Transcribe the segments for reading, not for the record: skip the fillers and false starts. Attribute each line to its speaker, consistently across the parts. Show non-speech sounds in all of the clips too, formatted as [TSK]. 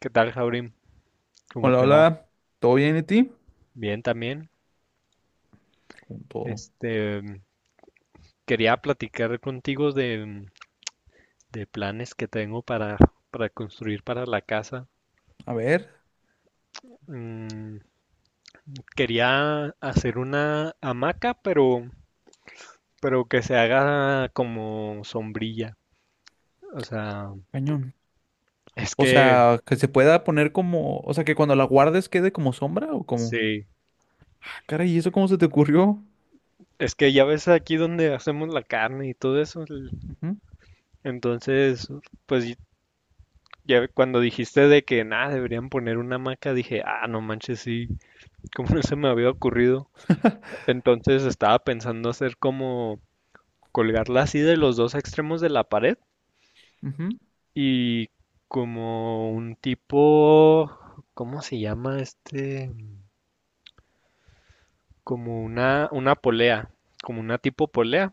Speaker 1: ¿Qué tal, Jaurim? ¿Cómo
Speaker 2: Hola,
Speaker 1: te va?
Speaker 2: hola, ¿todo bien y ti?
Speaker 1: Bien también.
Speaker 2: Con todo.
Speaker 1: Este, Quería platicar contigo de planes que tengo para construir para la casa.
Speaker 2: A ver,
Speaker 1: Mm, Quería hacer una hamaca, pero que se haga como sombrilla. O sea,
Speaker 2: cañón.
Speaker 1: es
Speaker 2: O
Speaker 1: que,
Speaker 2: sea, que se pueda poner como, o sea, que cuando la guardes quede como sombra o como.
Speaker 1: sí,
Speaker 2: Ah, caray, ¿y eso cómo se te ocurrió?
Speaker 1: es que ya ves aquí donde hacemos la carne y todo eso.
Speaker 2: Ujú,
Speaker 1: Entonces, pues ya cuando dijiste de que nada, deberían poner una hamaca, dije, ah, no manches, sí. Como no se me había ocurrido. Entonces estaba pensando hacer como colgarla así de los dos extremos de la pared,
Speaker 2: ujú.
Speaker 1: y como un tipo, ¿cómo se llama, este? Como una polea, como una tipo polea.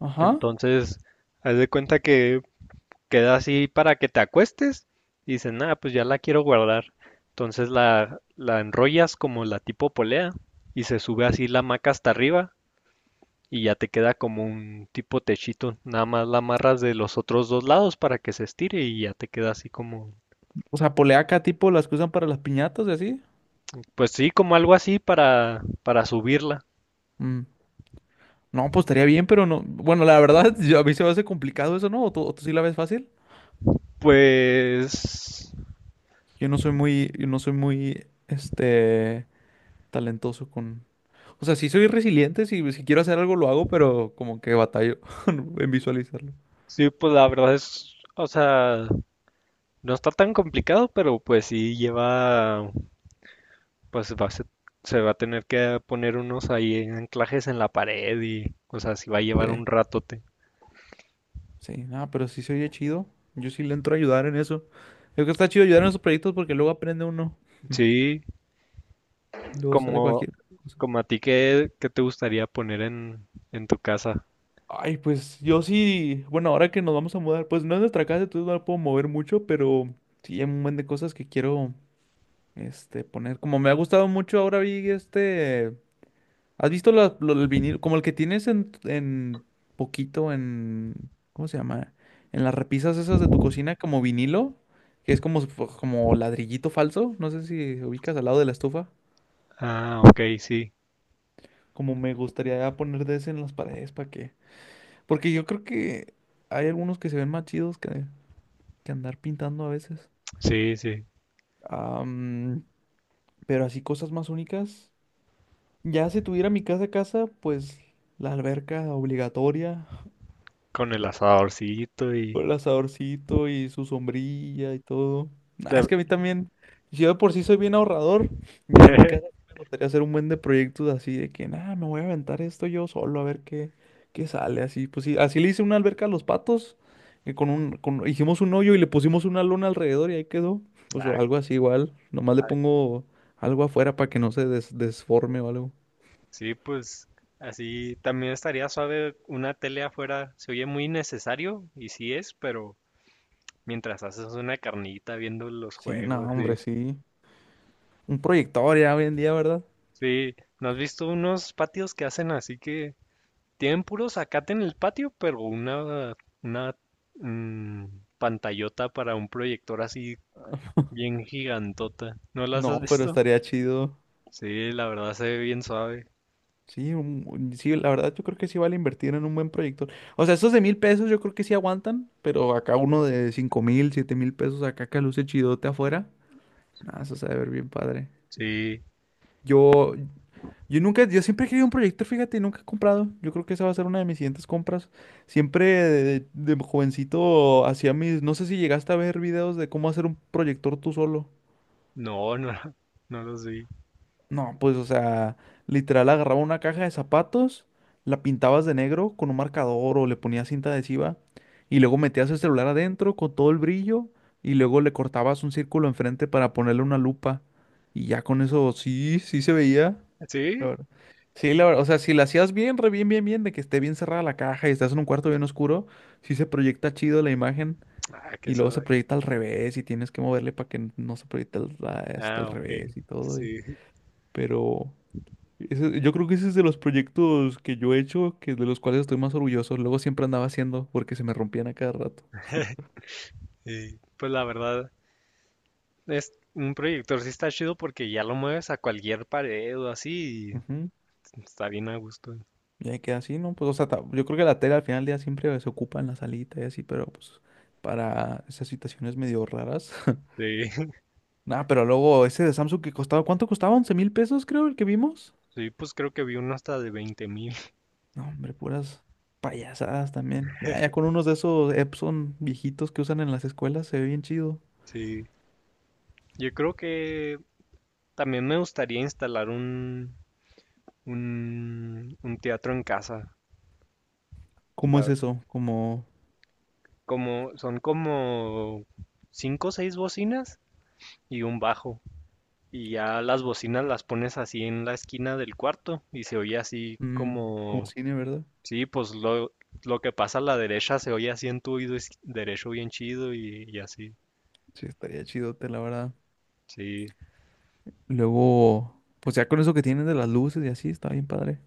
Speaker 2: Ajá.
Speaker 1: Entonces, haz de cuenta que queda así para que te acuestes y dices, nada, pues ya la quiero guardar. Entonces la enrollas como la tipo polea y se sube así la hamaca hasta arriba, y ya te queda como un tipo techito, nada más la amarras de los otros dos lados para que se estire y ya te queda así como,
Speaker 2: O sea, poleaca tipo las que usan para las piñatas y así.
Speaker 1: pues sí, como algo así para subirla.
Speaker 2: Mm. No, pues estaría bien, pero no. Bueno, la verdad, [LAUGHS] a mí se me hace complicado eso, ¿no? O tú sí la ves fácil?
Speaker 1: Pues
Speaker 2: Yo no soy muy, yo no soy muy, este, talentoso con. O sea, sí soy resiliente, si quiero hacer algo lo hago, pero como que batallo [LAUGHS] en visualizarlo.
Speaker 1: sí, pues la verdad es, o sea, no está tan complicado, pero pues sí lleva, pues se va a tener que poner unos ahí anclajes en la pared y, o sea, sí va a llevar
Speaker 2: Sí,
Speaker 1: un ratote.
Speaker 2: sí, nada, pero sí se oye chido. Yo sí le entro a ayudar en eso. Creo que está chido ayudar en esos proyectos porque luego aprende uno.
Speaker 1: Sí,
Speaker 2: Luego sale
Speaker 1: como,
Speaker 2: cualquier cosa.
Speaker 1: como a ti, ¿qué te gustaría poner en tu casa?
Speaker 2: Ay, pues yo sí, bueno, ahora que nos vamos a mudar, pues no es nuestra casa, entonces no la puedo mover mucho, pero sí hay un montón de cosas que quiero, poner. Como me ha gustado mucho, ahora vi ¿has visto el vinil? Como el que tienes en poquito en... ¿Cómo se llama? En las repisas esas de tu cocina como vinilo, que es como, si fu- como ladrillito falso. No sé si ubicas al lado de la estufa.
Speaker 1: Ah, ok, sí,
Speaker 2: Como me gustaría poner de ese en las paredes para que... Porque yo creo que hay algunos que se ven más chidos que andar pintando a veces.
Speaker 1: sí, sí,
Speaker 2: Am, pero así cosas más únicas. Ya si tuviera mi casa a casa, pues la alberca obligatoria.
Speaker 1: con el asadorcito y...
Speaker 2: Con el asadorcito y su sombrilla y todo. Nah, es
Speaker 1: ta-
Speaker 2: que a mí también, si yo de por sí soy bien ahorrador, ya en mi casa sí
Speaker 1: [LAUGHS]
Speaker 2: me gustaría hacer un buen de proyectos así de que, nada, me voy a aventar esto yo solo a ver qué sale. Así, pues sí, así le hice una alberca a los patos, y con un, con, hicimos un hoyo y le pusimos una lona alrededor y ahí quedó. Pues o
Speaker 1: ah,
Speaker 2: algo así igual, nomás le
Speaker 1: ah,
Speaker 2: pongo algo afuera para que no desforme o algo.
Speaker 1: sí, pues así también estaría suave una tele afuera, se oye muy necesario y sí es, pero mientras haces una carnita viendo los
Speaker 2: Sí,
Speaker 1: juegos
Speaker 2: no,
Speaker 1: y...
Speaker 2: hombre, sí. Un proyector ya hoy en día, ¿verdad?
Speaker 1: Sí, ¿no has visto unos patios que hacen así que tienen puro zacate en el patio, pero una mm, pantallota para un proyector así bien gigantota? ¿No las has
Speaker 2: No, pero
Speaker 1: visto?
Speaker 2: estaría chido.
Speaker 1: Sí, la verdad se ve bien suave.
Speaker 2: Sí, sí, la verdad yo creo que sí vale invertir en un buen proyector. O sea, esos de mil pesos yo creo que sí aguantan, pero acá uno de cinco mil, siete mil pesos acá que luce chidote afuera. Nada, eso se debe ver bien padre.
Speaker 1: Sí,
Speaker 2: Yo, yo nunca, yo siempre he querido un proyector, fíjate, y nunca he comprado. Yo creo que esa va a ser una de mis siguientes compras. Siempre de jovencito hacía mis, no sé si llegaste a ver videos de cómo hacer un proyector tú solo.
Speaker 1: no, no, [LAUGHS] no los vi.
Speaker 2: No, pues, o sea, literal agarraba una caja de zapatos, la pintabas de negro con un marcador o le ponías cinta adhesiva y luego metías el celular adentro con todo el brillo y luego le cortabas un círculo enfrente para ponerle una lupa y ya con eso sí, sí se veía, la
Speaker 1: ¿Sí?
Speaker 2: verdad. Sí, la verdad, o sea, si la hacías bien, re bien, bien, bien, de que esté bien cerrada la caja y estás en un cuarto bien oscuro, sí se proyecta chido la imagen
Speaker 1: Ah, qué
Speaker 2: y luego se
Speaker 1: suave.
Speaker 2: proyecta al revés y tienes que moverle para que no hasta al
Speaker 1: Ah, ok.
Speaker 2: revés y todo,
Speaker 1: Sí,
Speaker 2: pero... Yo creo que ese es de los proyectos que yo he hecho, que de los cuales estoy más orgulloso. Luego siempre andaba haciendo porque se me rompían a cada rato.
Speaker 1: sí. Pues la verdad, es un proyector, sí está chido porque ya lo mueves a cualquier pared o así y
Speaker 2: Ujú.
Speaker 1: está bien a gusto.
Speaker 2: Y ahí queda así, ¿no? Pues, o sea, yo creo que la tela al final del día siempre se ocupa en la salita y así, pero pues para esas situaciones medio raras. [LAUGHS]
Speaker 1: Sí, [LAUGHS]
Speaker 2: Nah, pero luego ese de Samsung que costaba, ¿cuánto costaba? 11 mil pesos, creo, el que vimos.
Speaker 1: sí, pues creo que vi uno hasta de 20,000.
Speaker 2: No, hombre, puras payasadas también. Ah, ya con unos de esos Epson viejitos que usan en las escuelas se ve bien chido.
Speaker 1: Sí. Yo creo que también me gustaría instalar un teatro en casa.
Speaker 2: ¿Cómo es
Speaker 1: La-
Speaker 2: eso? Como,
Speaker 1: Como, son como cinco o seis bocinas y un bajo. Y ya las bocinas las pones así en la esquina del cuarto y se oye así
Speaker 2: mm, como
Speaker 1: como...
Speaker 2: cine, ¿verdad?
Speaker 1: Sí, pues lo que pasa a la derecha se oye así en tu oído derecho, bien chido, y así.
Speaker 2: Sí, estaría chidote, la verdad.
Speaker 1: Sí.
Speaker 2: Luego, pues ya con eso que tienen de las luces y así, está bien padre.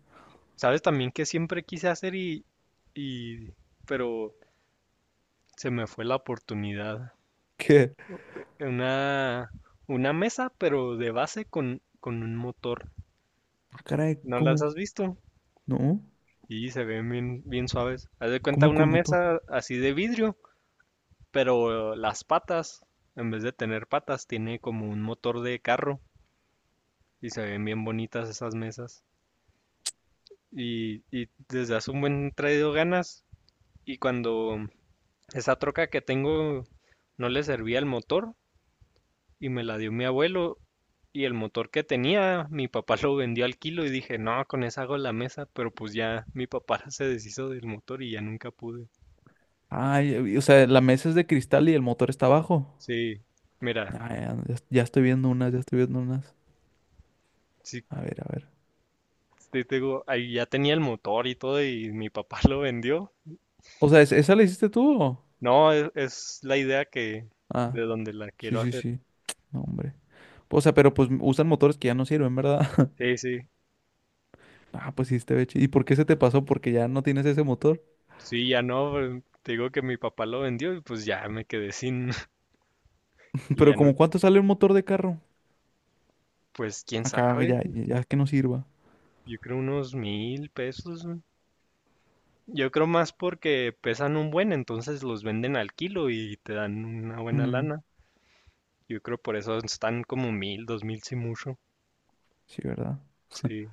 Speaker 1: ¿Sabes también que siempre quise hacer y... pero se me fue la oportunidad?
Speaker 2: [LAUGHS] ¿Qué?
Speaker 1: Una, una mesa, pero de base con un motor.
Speaker 2: Ah, caray,
Speaker 1: ¿No las has
Speaker 2: ¿cómo?
Speaker 1: visto?
Speaker 2: ¿No?
Speaker 1: Y se ven bien, bien suaves. Haz de cuenta
Speaker 2: ¿Cómo
Speaker 1: una
Speaker 2: con motor?
Speaker 1: mesa así de vidrio. Pero las patas, en vez de tener patas, tiene como un motor de carro, y se ven bien bonitas esas mesas. Y desde hace un buen traído ganas. Y cuando esa troca que tengo no le servía el motor y me la dio mi abuelo, y el motor que tenía, mi papá lo vendió al kilo y dije, no, con esa hago la mesa, pero pues ya mi papá [LAUGHS] se deshizo del motor y ya nunca pude.
Speaker 2: Ay, o sea, la mesa es de cristal y el motor está abajo.
Speaker 1: Sí, mira,
Speaker 2: Ah, ya, ya estoy viendo unas, ya estoy viendo unas.
Speaker 1: sí,
Speaker 2: A ver, a ver.
Speaker 1: te digo, ahí ya tenía el motor y todo y mi papá [LAUGHS] lo vendió.
Speaker 2: O sea, ¿esa la hiciste tú o?
Speaker 1: No, es la idea que
Speaker 2: Ah,
Speaker 1: de donde la
Speaker 2: sí,
Speaker 1: quiero
Speaker 2: sí,
Speaker 1: hacer.
Speaker 2: sí. [TSK] No, hombre. O sea, pero pues usan motores que ya no sirven, ¿verdad? [LAUGHS]
Speaker 1: Sí, sí.
Speaker 2: Ah, pues sí, este beche. ¿Y por qué se te pasó? Porque ya no tienes ese motor.
Speaker 1: Sí, ya no, pues, te digo que mi papá lo vendió y pues ya me quedé sin. [LAUGHS]
Speaker 2: [LAUGHS]
Speaker 1: y
Speaker 2: Pero
Speaker 1: ya no,
Speaker 2: ¿como cuánto sale un motor de carro?
Speaker 1: pues quién
Speaker 2: Acá
Speaker 1: sabe.
Speaker 2: ya, ya que no sirva.
Speaker 1: Yo creo unos 1,000 pesos, ¿no? Yo creo más porque pesan un buen, entonces los venden al kilo y te dan una buena
Speaker 2: Mm,
Speaker 1: lana. Yo creo por eso están como 1,000, 2,000 si mucho.
Speaker 2: sí, ¿verdad?
Speaker 1: Sí,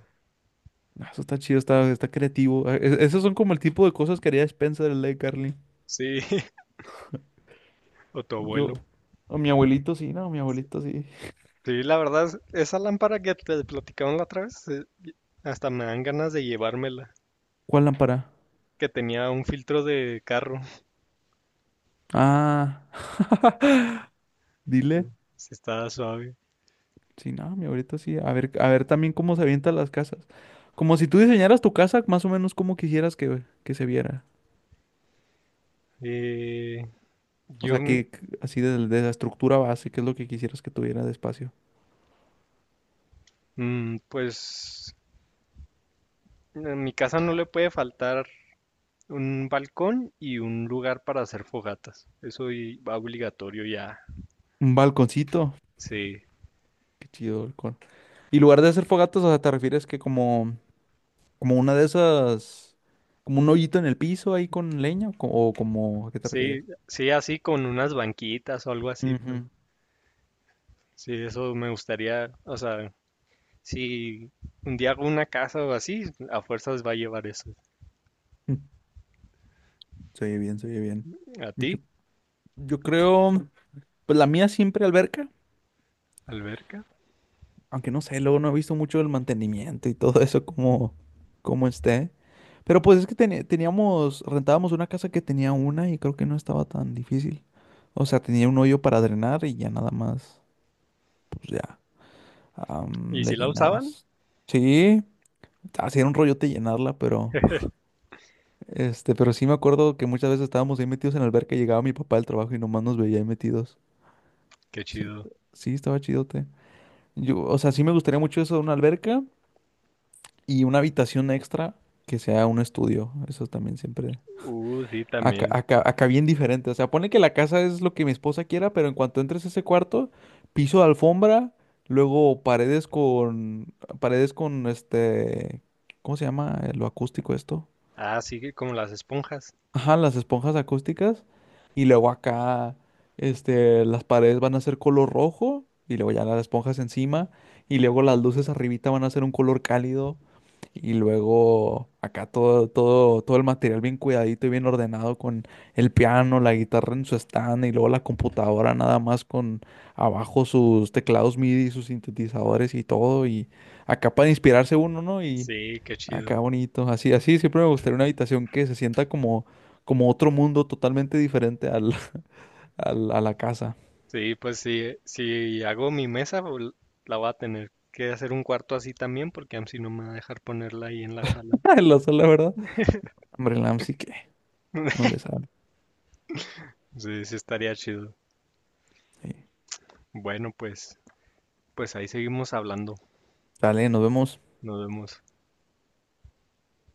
Speaker 2: Ah, eso está chido, está, está creativo. Esos son como el tipo de cosas que haría Spencer, el de Carly.
Speaker 1: sí, [LAUGHS] o tu
Speaker 2: Yo,
Speaker 1: abuelo.
Speaker 2: a mi abuelito sí, no, mi abuelito sí.
Speaker 1: Sí, la verdad, esa lámpara que te platicaban la otra vez, hasta me dan ganas de llevármela.
Speaker 2: ¿Cuál lámpara?
Speaker 1: Que tenía un filtro de carro.
Speaker 2: Ah, [LAUGHS] dile.
Speaker 1: Sí, estaba suave.
Speaker 2: Sí, no, mi abuelito sí. A ver también cómo se avientan las casas. Como si tú diseñaras tu casa, más o menos como quisieras que se viera.
Speaker 1: Eh,
Speaker 2: O
Speaker 1: yo,
Speaker 2: sea, que que así de la estructura base, que es lo que quisieras que tuviera de espacio.
Speaker 1: pues, en mi casa no le puede faltar un balcón y un lugar para hacer fogatas. Eso va obligatorio ya.
Speaker 2: Un balconcito.
Speaker 1: Sí,
Speaker 2: Qué chido balcón. Y lugar de hacer fogatas, o sea, te refieres que como... Como una de esas, como un hoyito en el piso ahí con leña, o, o como, ¿a qué te refieres?
Speaker 1: sí, sí, así con unas banquitas o algo así, pero...
Speaker 2: Ujú.
Speaker 1: Sí, eso me gustaría, o sea, si un día hago una casa o así, a fuerzas va a llevar eso.
Speaker 2: Mm, se oye bien, se oye bien.
Speaker 1: ¿A
Speaker 2: Yo,
Speaker 1: ti?
Speaker 2: yo creo, pues la mía siempre alberca,
Speaker 1: ¿Alberca?
Speaker 2: aunque no sé, luego no he visto mucho el mantenimiento y todo eso como, como esté. Pero pues es que teníamos, rentábamos una casa que tenía una y creo que no estaba tan difícil. O sea, tenía un hoyo para drenar y ya nada más, pues ya,
Speaker 1: ¿Y si
Speaker 2: le
Speaker 1: la usaban?
Speaker 2: llenabas. Sí, hacía un rollote llenarla, pero... Este, pero sí me acuerdo que muchas veces estábamos ahí metidos en la alberca y llegaba mi papá del trabajo y nomás nos veía ahí metidos.
Speaker 1: Qué
Speaker 2: Sí,
Speaker 1: chido.
Speaker 2: sí, estaba chidote. Yo, o sea, sí me gustaría mucho eso de una alberca y una habitación extra que sea un estudio. Eso también siempre.
Speaker 1: Sí,
Speaker 2: Acá,
Speaker 1: también.
Speaker 2: acá, acá bien diferente. O sea, pone que la casa es lo que mi esposa quiera, pero en cuanto entres a ese cuarto, piso de alfombra, luego paredes con ¿cómo se llama? Eh, lo acústico esto.
Speaker 1: Ah, sí, que como las esponjas.
Speaker 2: Ajá, las esponjas acústicas. Y luego acá, las paredes van a ser color rojo. Y luego ya las esponjas encima. Y luego las luces arribita van a ser un color cálido. Y luego acá todo el material bien cuidadito y bien ordenado con el piano, la guitarra en su stand y luego la computadora nada más con abajo sus teclados MIDI, sus sintetizadores y todo. Y acá para inspirarse uno, ¿no? Y
Speaker 1: Sí, qué
Speaker 2: acá
Speaker 1: chido.
Speaker 2: bonito, así, así siempre me gustaría una habitación que se sienta como, como otro mundo totalmente diferente al, [LAUGHS] a la casa.
Speaker 1: Sí, pues sí, si hago mi mesa, la voy a tener que hacer un cuarto así también, porque si no me va a dejar ponerla ahí en la sala.
Speaker 2: [LAUGHS] En la sala, ¿verdad? Hombre, el LAMP sí que no le sabe.
Speaker 1: Sí, sí estaría chido.
Speaker 2: Sí.
Speaker 1: Bueno, pues, ahí seguimos hablando.
Speaker 2: Dale, nos vemos.
Speaker 1: Nos vemos.